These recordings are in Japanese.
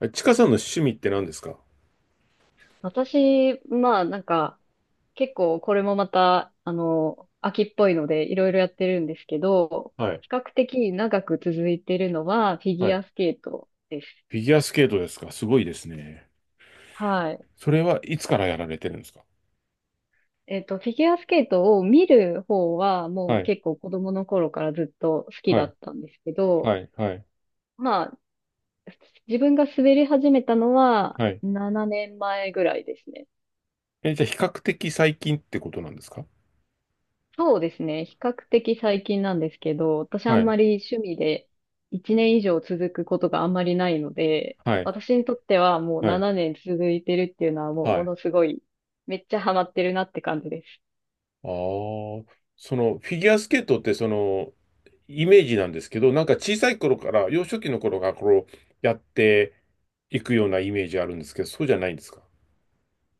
えちかさんの趣味って何ですか？私、まあなんか、結構これもまた、秋っぽいのでいろいろやってるんですけど、はい。比較的長く続いてるのはフィはギュい。アスケートです。フィギュアスケートですか？すごいですね。はい。それはいつからやられてるんですか？フィギュアスケートを見る方はもはうい、結構子供の頃からずっと好きはだい、ったんですけど、はい、はい、まあ自分が滑り始めたのははい。7年前ぐらいですね。え、じゃあ比較的最近ってことなんですか？そうですね。比較的最近なんですけど、私あはんい、まり趣味で1年以上続くことがあんまりないので、はい、私にとってはもうはい、7年続いてるっていうのはもうはもい。のすごい、めっちゃハマってるなって感じです。ああ、そのフィギュアスケートってそのイメージなんですけど、なんか小さい頃から、幼少期の頃からこうやっていくようなイメージあるんですけど、そうじゃないんですか？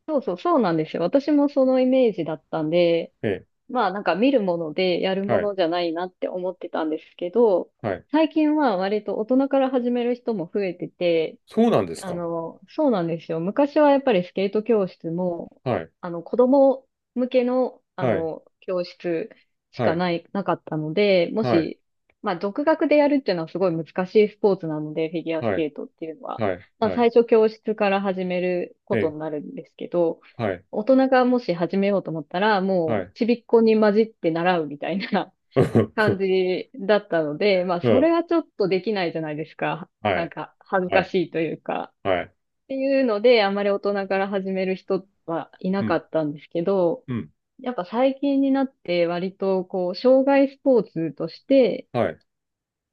そうそう、そうなんですよ。私もそのイメージだったんで、えまあなんか見るものでやるえ、もはい、のじゃないなって思ってたんですけど、はい。最近は割と大人から始める人も増えてて、そうなんですか？そうなんですよ。昔はやっぱりスケート教室も、はい、子供向けの、はい、教室しはかい、ない、なかったので、もはい。し、まあ、独学でやるっていうのはすごい難しいスポーツなので、フィギュアスはい、ケートっていうのは。はい、まあ、はい、最初教室から始めるえことえ、になるんですけど、はい、大人がもし始めようと思ったら、もはう、い、ちびっこに混じって習うみたいな 感 じだったので、まあ、うん、うそん、れはちょっとできないじゃないですか。はなんい、か、恥ずはかい、しいというか。はい、ていうので、あまり大人から始める人はいなうかん、ったんですけど、うん、やっぱ最近になって割とこう、障害スポーツとして、はい、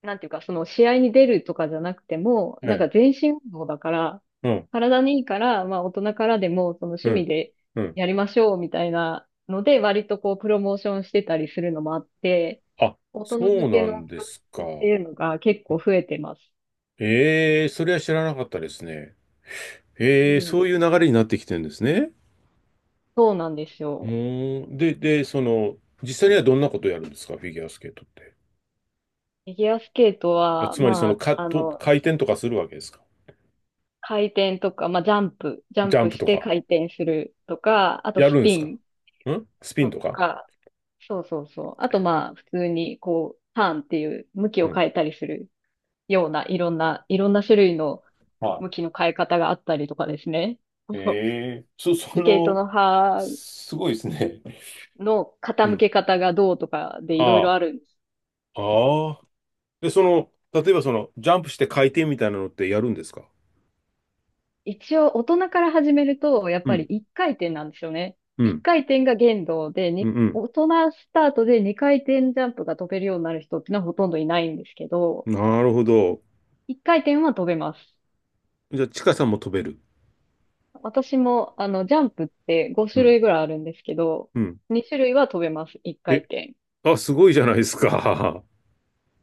なんていうかその試合に出るとかじゃなくても、えなんえ、か全身運動だから、うん、体にいいから、まあ大人からでもそのう趣味ん、でうん。やりましょうみたいなので、割とこうプロモーションしてたりするのもあって、あ、大人そ向うけなのんで教す室ってか。いうのが結構増えてます。ええ、それは知らなかったですね。うええ、ん。そういう流れになってきてるんですね。そうなんですうよ。ーん。で、その、実際にはどんなことをやるんですか、フィギュアスケートって。フィギュアスケートあは、つまり、その、まあ、回転とかするわけですか？回転とか、まあ、ジャジンャンププしとてか。回転するとか、あとやスるんでピすか？ンんスピンのととか。か、そうそうそう。あと、まあ、普通に、こう、ターンっていう向きうをん。変えたりするような、いろんな種類のは向いきの変え方があったりとかですね。え そうえそ、そスケートの、の刃すごいですね。のう傾ん。け方がどうとかでいろいあろある。あ、ああ。で、その、例えばその、ジャンプして回転みたいなのってやるんですか？一応大人から始めると、やっうぱりん、1回転なんですよね。う1ん、回転が限度で、うにん、大人スタートで2回転ジャンプが飛べるようになる人ってのはほとんどいないんですけど、うん。なるほど。1回転は飛べます。じゃあ、ちかさんも飛べる。私も、ジャンプって5う種ん、類ぐらいあるんですけど、うん。2種類は飛べます、1回え、転。あ、すごいじゃないですか。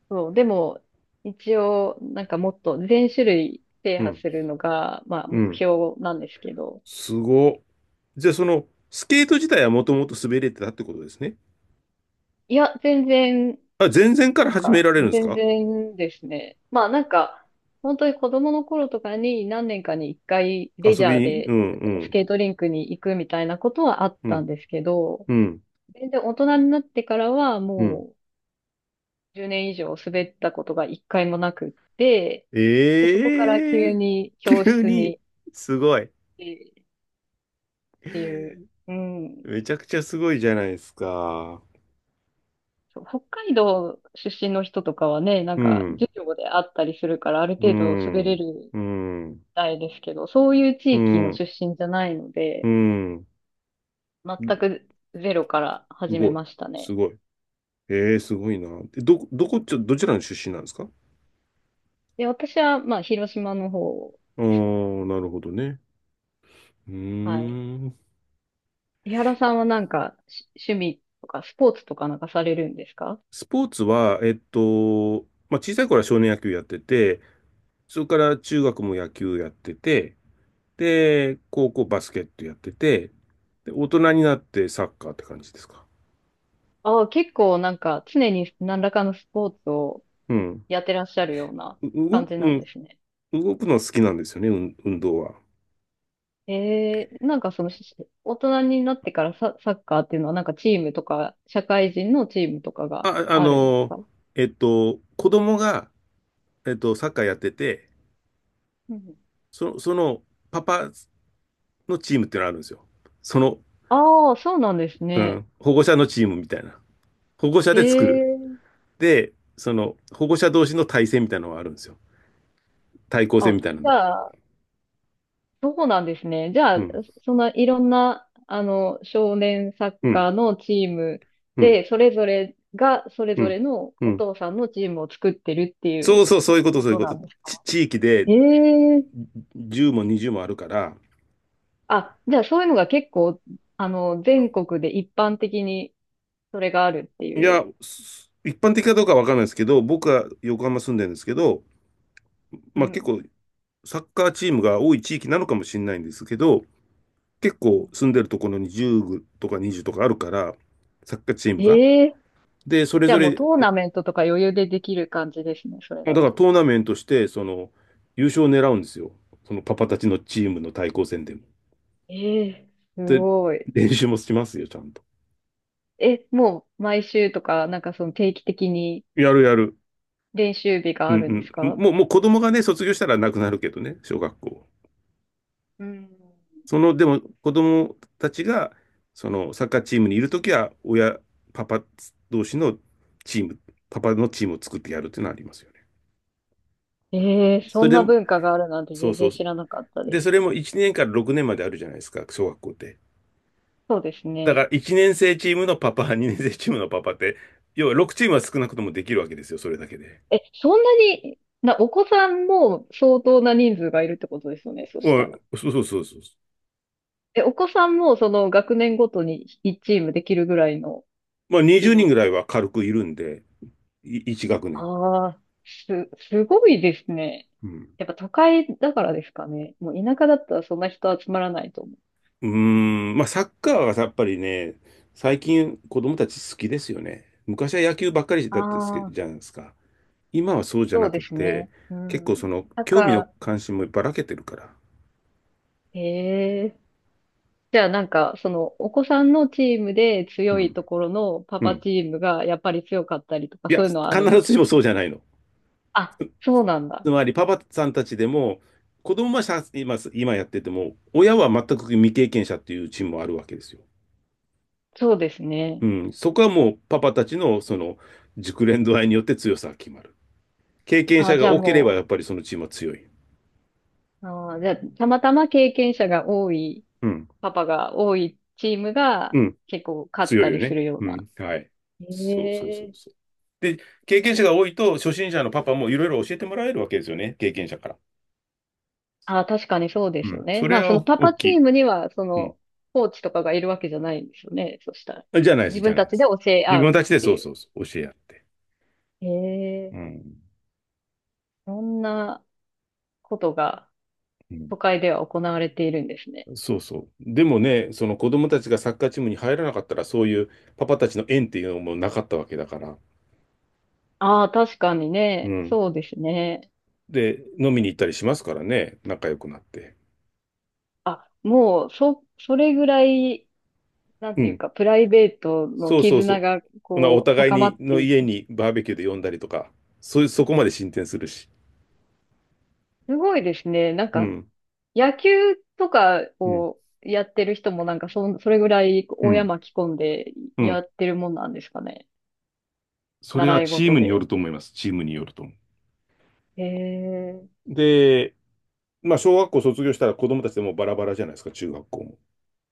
そう、でも、一応、なんかもっと全種類 制う覇ん、するのが、まあ、う目ん。標なんですけど、すご。じゃあ、その、スケート自体はもともと滑れてたってことですね。いや、全然あ、全然かならん始めか、られるんです全か？然ですね。まあなんか、本当に子供の頃とかに何年かに一回レジ遊びャーに。うでん、うスん、ケートリンクに行くみたいなことはあっうたんん、ですけど、うん、全然大人になってからはうん。もう10年以上滑ったことが一回もなくって、で、そこからえ急えー に 教急室に、にすごい。行ってっていう、うん。めちゃくちゃすごいじゃないですか。そう北海道出身の人とかはね、なんうかん、授業であったりするからあるう程度滑れん、るうん、たいですけど、そういうう地域の出ん、身じゃないのうで、ん。全くゼロからす始めごい、ましたすね。ごい。ええーすごいな。で、どちらの出身なんですか？で、私は、まあ、広島の方ああですね。ー、なるほどね。うーはい。ん。井原さんはなんか、趣味とか、スポーツとかなんかされるんですか？スポーツは、まあ、小さい頃は少年野球やってて、それから中学も野球やってて、で、高校バスケットやってて、で、大人になってサッカーって感じですか。ああ、結構なんか、常に何らかのスポーツをうん。やってらっしゃるような動感く、じうなんですね。ん、動くの好きなんですよね、運動は。えー、なんかその、大人になってからサッカーっていうのはなんかチームとか、社会人のチームとかがあ、ああるんですの、か？子供が、サッカーやってて、うん。その、パパのチームってのあるんですよ。その、ああ、そうなんですうね。ん、保護者のチームみたいな。保護者へで作る。え。で、その、保護者同士の対戦みたいなのがあるんですよ。対抗戦あ、みたいなじの。ゃあ、そうなんですね。じゃうあ、ん、そんないろんな、少年サッうん、カーのチームうん、で、それぞれが、それうぞん、れのうおん。父さんのチームを作ってるっていそううそう、そういうこと、こそういうとこなと。んですか？地域でへえ。10も20もあるから、あ、じゃあ、そういうのが結構、全国で一般的にそれがあるっていいや、う。一般的かどうかわかんないですけど、僕は横浜住んでるんですけど、うまあ結ん。構サッカーチームが多い地域なのかもしれないんですけど、結構住んでるところに10とか20とかあるから、サッカーチームが。ええ、で、それじゃあぞもうれ、トーナメントとか余裕でできる感じですね、それだかだらと。トーナメントして、その、優勝を狙うんですよ。そのパパたちのチームの対抗戦でも。ええ、すで、ごい。練習もしますよ、ちゃんと。え、もう毎週とか、なんかその定期的にやるやる。練習日がうあるんでんすうん。か？もう子供がね、卒業したらなくなるけどね、小学校。うん。その、でも子供たちが、そのサッカーチームにいるときは、親、パパ同士のチーム、パパのチームを作ってやるっていうのはありますよね。ええ、そそれんでなも、文化があるなんてそう全そ然う。知らなかったで、でそれす。も1年から6年まであるじゃないですか、小学校って。そうですだからね。1年生チームのパパ、2年生チームのパパって、要は6チームは少なくともできるわけですよ、それだけで。え、そんなに、お子さんも相当な人数がいるってことですよね、そしまたら。あ、そうそうそうそう。え、お子さんもその学年ごとに1チームできるぐらいのまあ20規人模。ぐらいは軽くいるんで、1学年。ああ、すごいですね。うんやっぱ都会だからですかね。もう田舎だったらそんな人集まらないと思う。うーん、まあサッカーはやっぱりね、最近子供たち好きですよね。昔は野球ばっかりだったですけじゃあ、ないですか。今はそうじゃそなうくですて、ね。う結構そん。のなん興味のか、関心もばらけてるから。ええ、じゃあなんか、その、お子さんのチームでう強いん。ところのパうパん。チームがやっぱり強かったりとか、いそや、ういうの必はあるんですずしもか？そうじゃないの。あ、そうなんだ。つまりパパさんたちでも、子供はさ今やってても、親は全く未経験者っていうチームもあるわけですよ。そうですね。うん。そこはもうパパたちのその熟練度合いによって強さが決まる。経験あ、者じがゃあ多ければやもっぱりそのチームは強い。う、あじゃあ、たまたま経験者が多い、うんパパが多いチームがうん、結構勝っ強たいよりすね。るよううな。ん、はい。へそうそうそうえ。そう。で、経験者が多いと、初心者のパパもいろいろ教えてもらえるわけですよね、経験者から。ああ、確かにそうでうすよん、ね。それまあ、はそのパ大パきチい。ームには、そうん。の、コーチとかがいるわけじゃないんですよね。そしたら。あじゃないです、自じ分ゃないたでちです。教え自合分うったちでてそういそう。うそう、教え合って。へえ、うん。そんなことが都う会では行われているんですね。ん、そうそう。でもね、その子供たちがサッカーチームに入らなかったら、そういうパパたちの縁っていうのもなかったわけだから。ああ、確かにうね。ん。そうですね。で、飲みに行ったりしますからね、仲良くなって。あ、もう、それぐらい、なんうていうん。か、プライベートのそうそう絆そが、う。なおこう、互い高まにっのてい家く。にバーベキューで呼んだりとか、そういう、そこまで進展するし。すごいですね。なんうか、ん、野球とかうん、やってる人もなんかそれぐらいう親ん、巻き込んでうやん。ってるもんなんですかね。それは習いチー事ムによで。ると思います。チームによると思う。へえ、で、まあ、小学校卒業したら子供たちでもうバラバラじゃないですか、中学校も。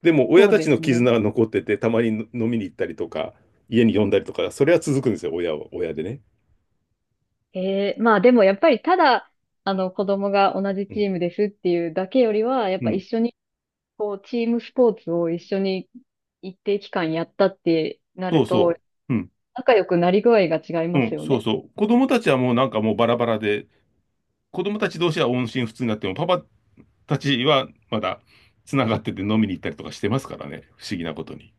でも、親そうたちでのすね。絆が残ってて、たまに飲みに行ったりとか、家に呼んだりとか、それは続くんですよ、親は、親でね。へえ、まあでもやっぱりただ、あの子供が同じうチん。ームですっていうだけよりは、やっうぱ一ん。緒にこうチームスポーツを一緒に一定期間やったってなそるうと、そう。うん。仲良くなり具合が違いうますん、よそうね。そう。子供たちはもうなんかもうバラバラで、子供たち同士は音信不通になっても、パパたちはまだつながってて飲みに行ったりとかしてますからね。不思議なことに。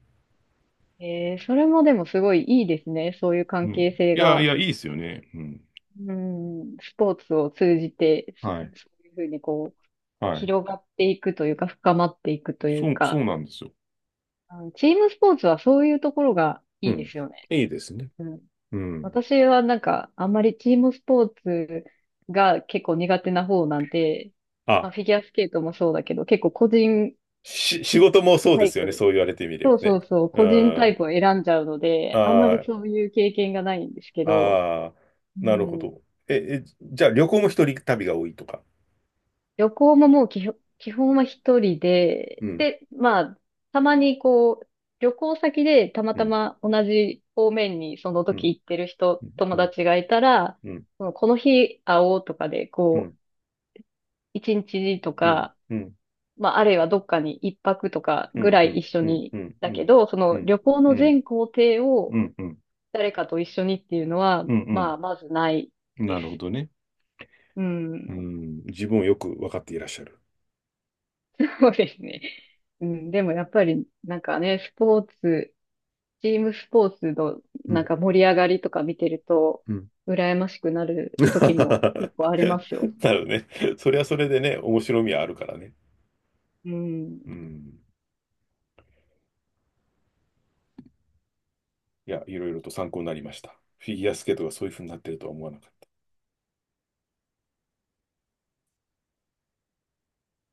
えー、それもでもすごいいいですね。そういうう関ん。係性いやいが。やいいっすよね。うん。うん、スポーツを通じて、はいそういうふうにこう、はい。広がっていくというか、深まっていくというそうそうか、なんですよ。あのチームスポーツはそういうところがういいでん。すよね。いいですね。うん。うん。私はなんか、あんまりチームスポーツが結構苦手な方なんで、まあ、あ、フィギュアスケートもそうだけど、結構個人仕事もそうタでイすよね。プ、そう言われてみればそうそね。うそう、う個人タん。イプを選んじゃうので、あんまりあそういう経験がないんですけあど、ああ。うなるほん、ど。ええじゃあ旅行も一人旅が多いとか。旅行ももう基本、基本は一人うで、んで、まあ、たまにこう、旅行先でたまうたんま同じ方面にそのう時ん行ってる人、う友ん達がいたら、うんそのこの日会おうとかで、うこう、ん一日とうんか、うんまあ、あるいはどっかに一泊とかうぐんらういん一緒うんに、うんうだけんど、そうのん旅行の全行程を誰かと一緒にっていうのは、うんうまん。あ、まずないでなす。るほどね。ううん、ん。自分をよく分かっていらっしゃる。そうですね。うん、でもやっぱり、なんかね、スポーツ、チームスポーツのうなんん。か盛り上がりとか見てると、うん。羨ましくな るな時もる結構ありますよ。ほどね。それはそれでね、面白みはあるからね。うん。うん。いや、いろいろと参考になりました。フィギュアスケートがそういうふうになってるとは思わなかった。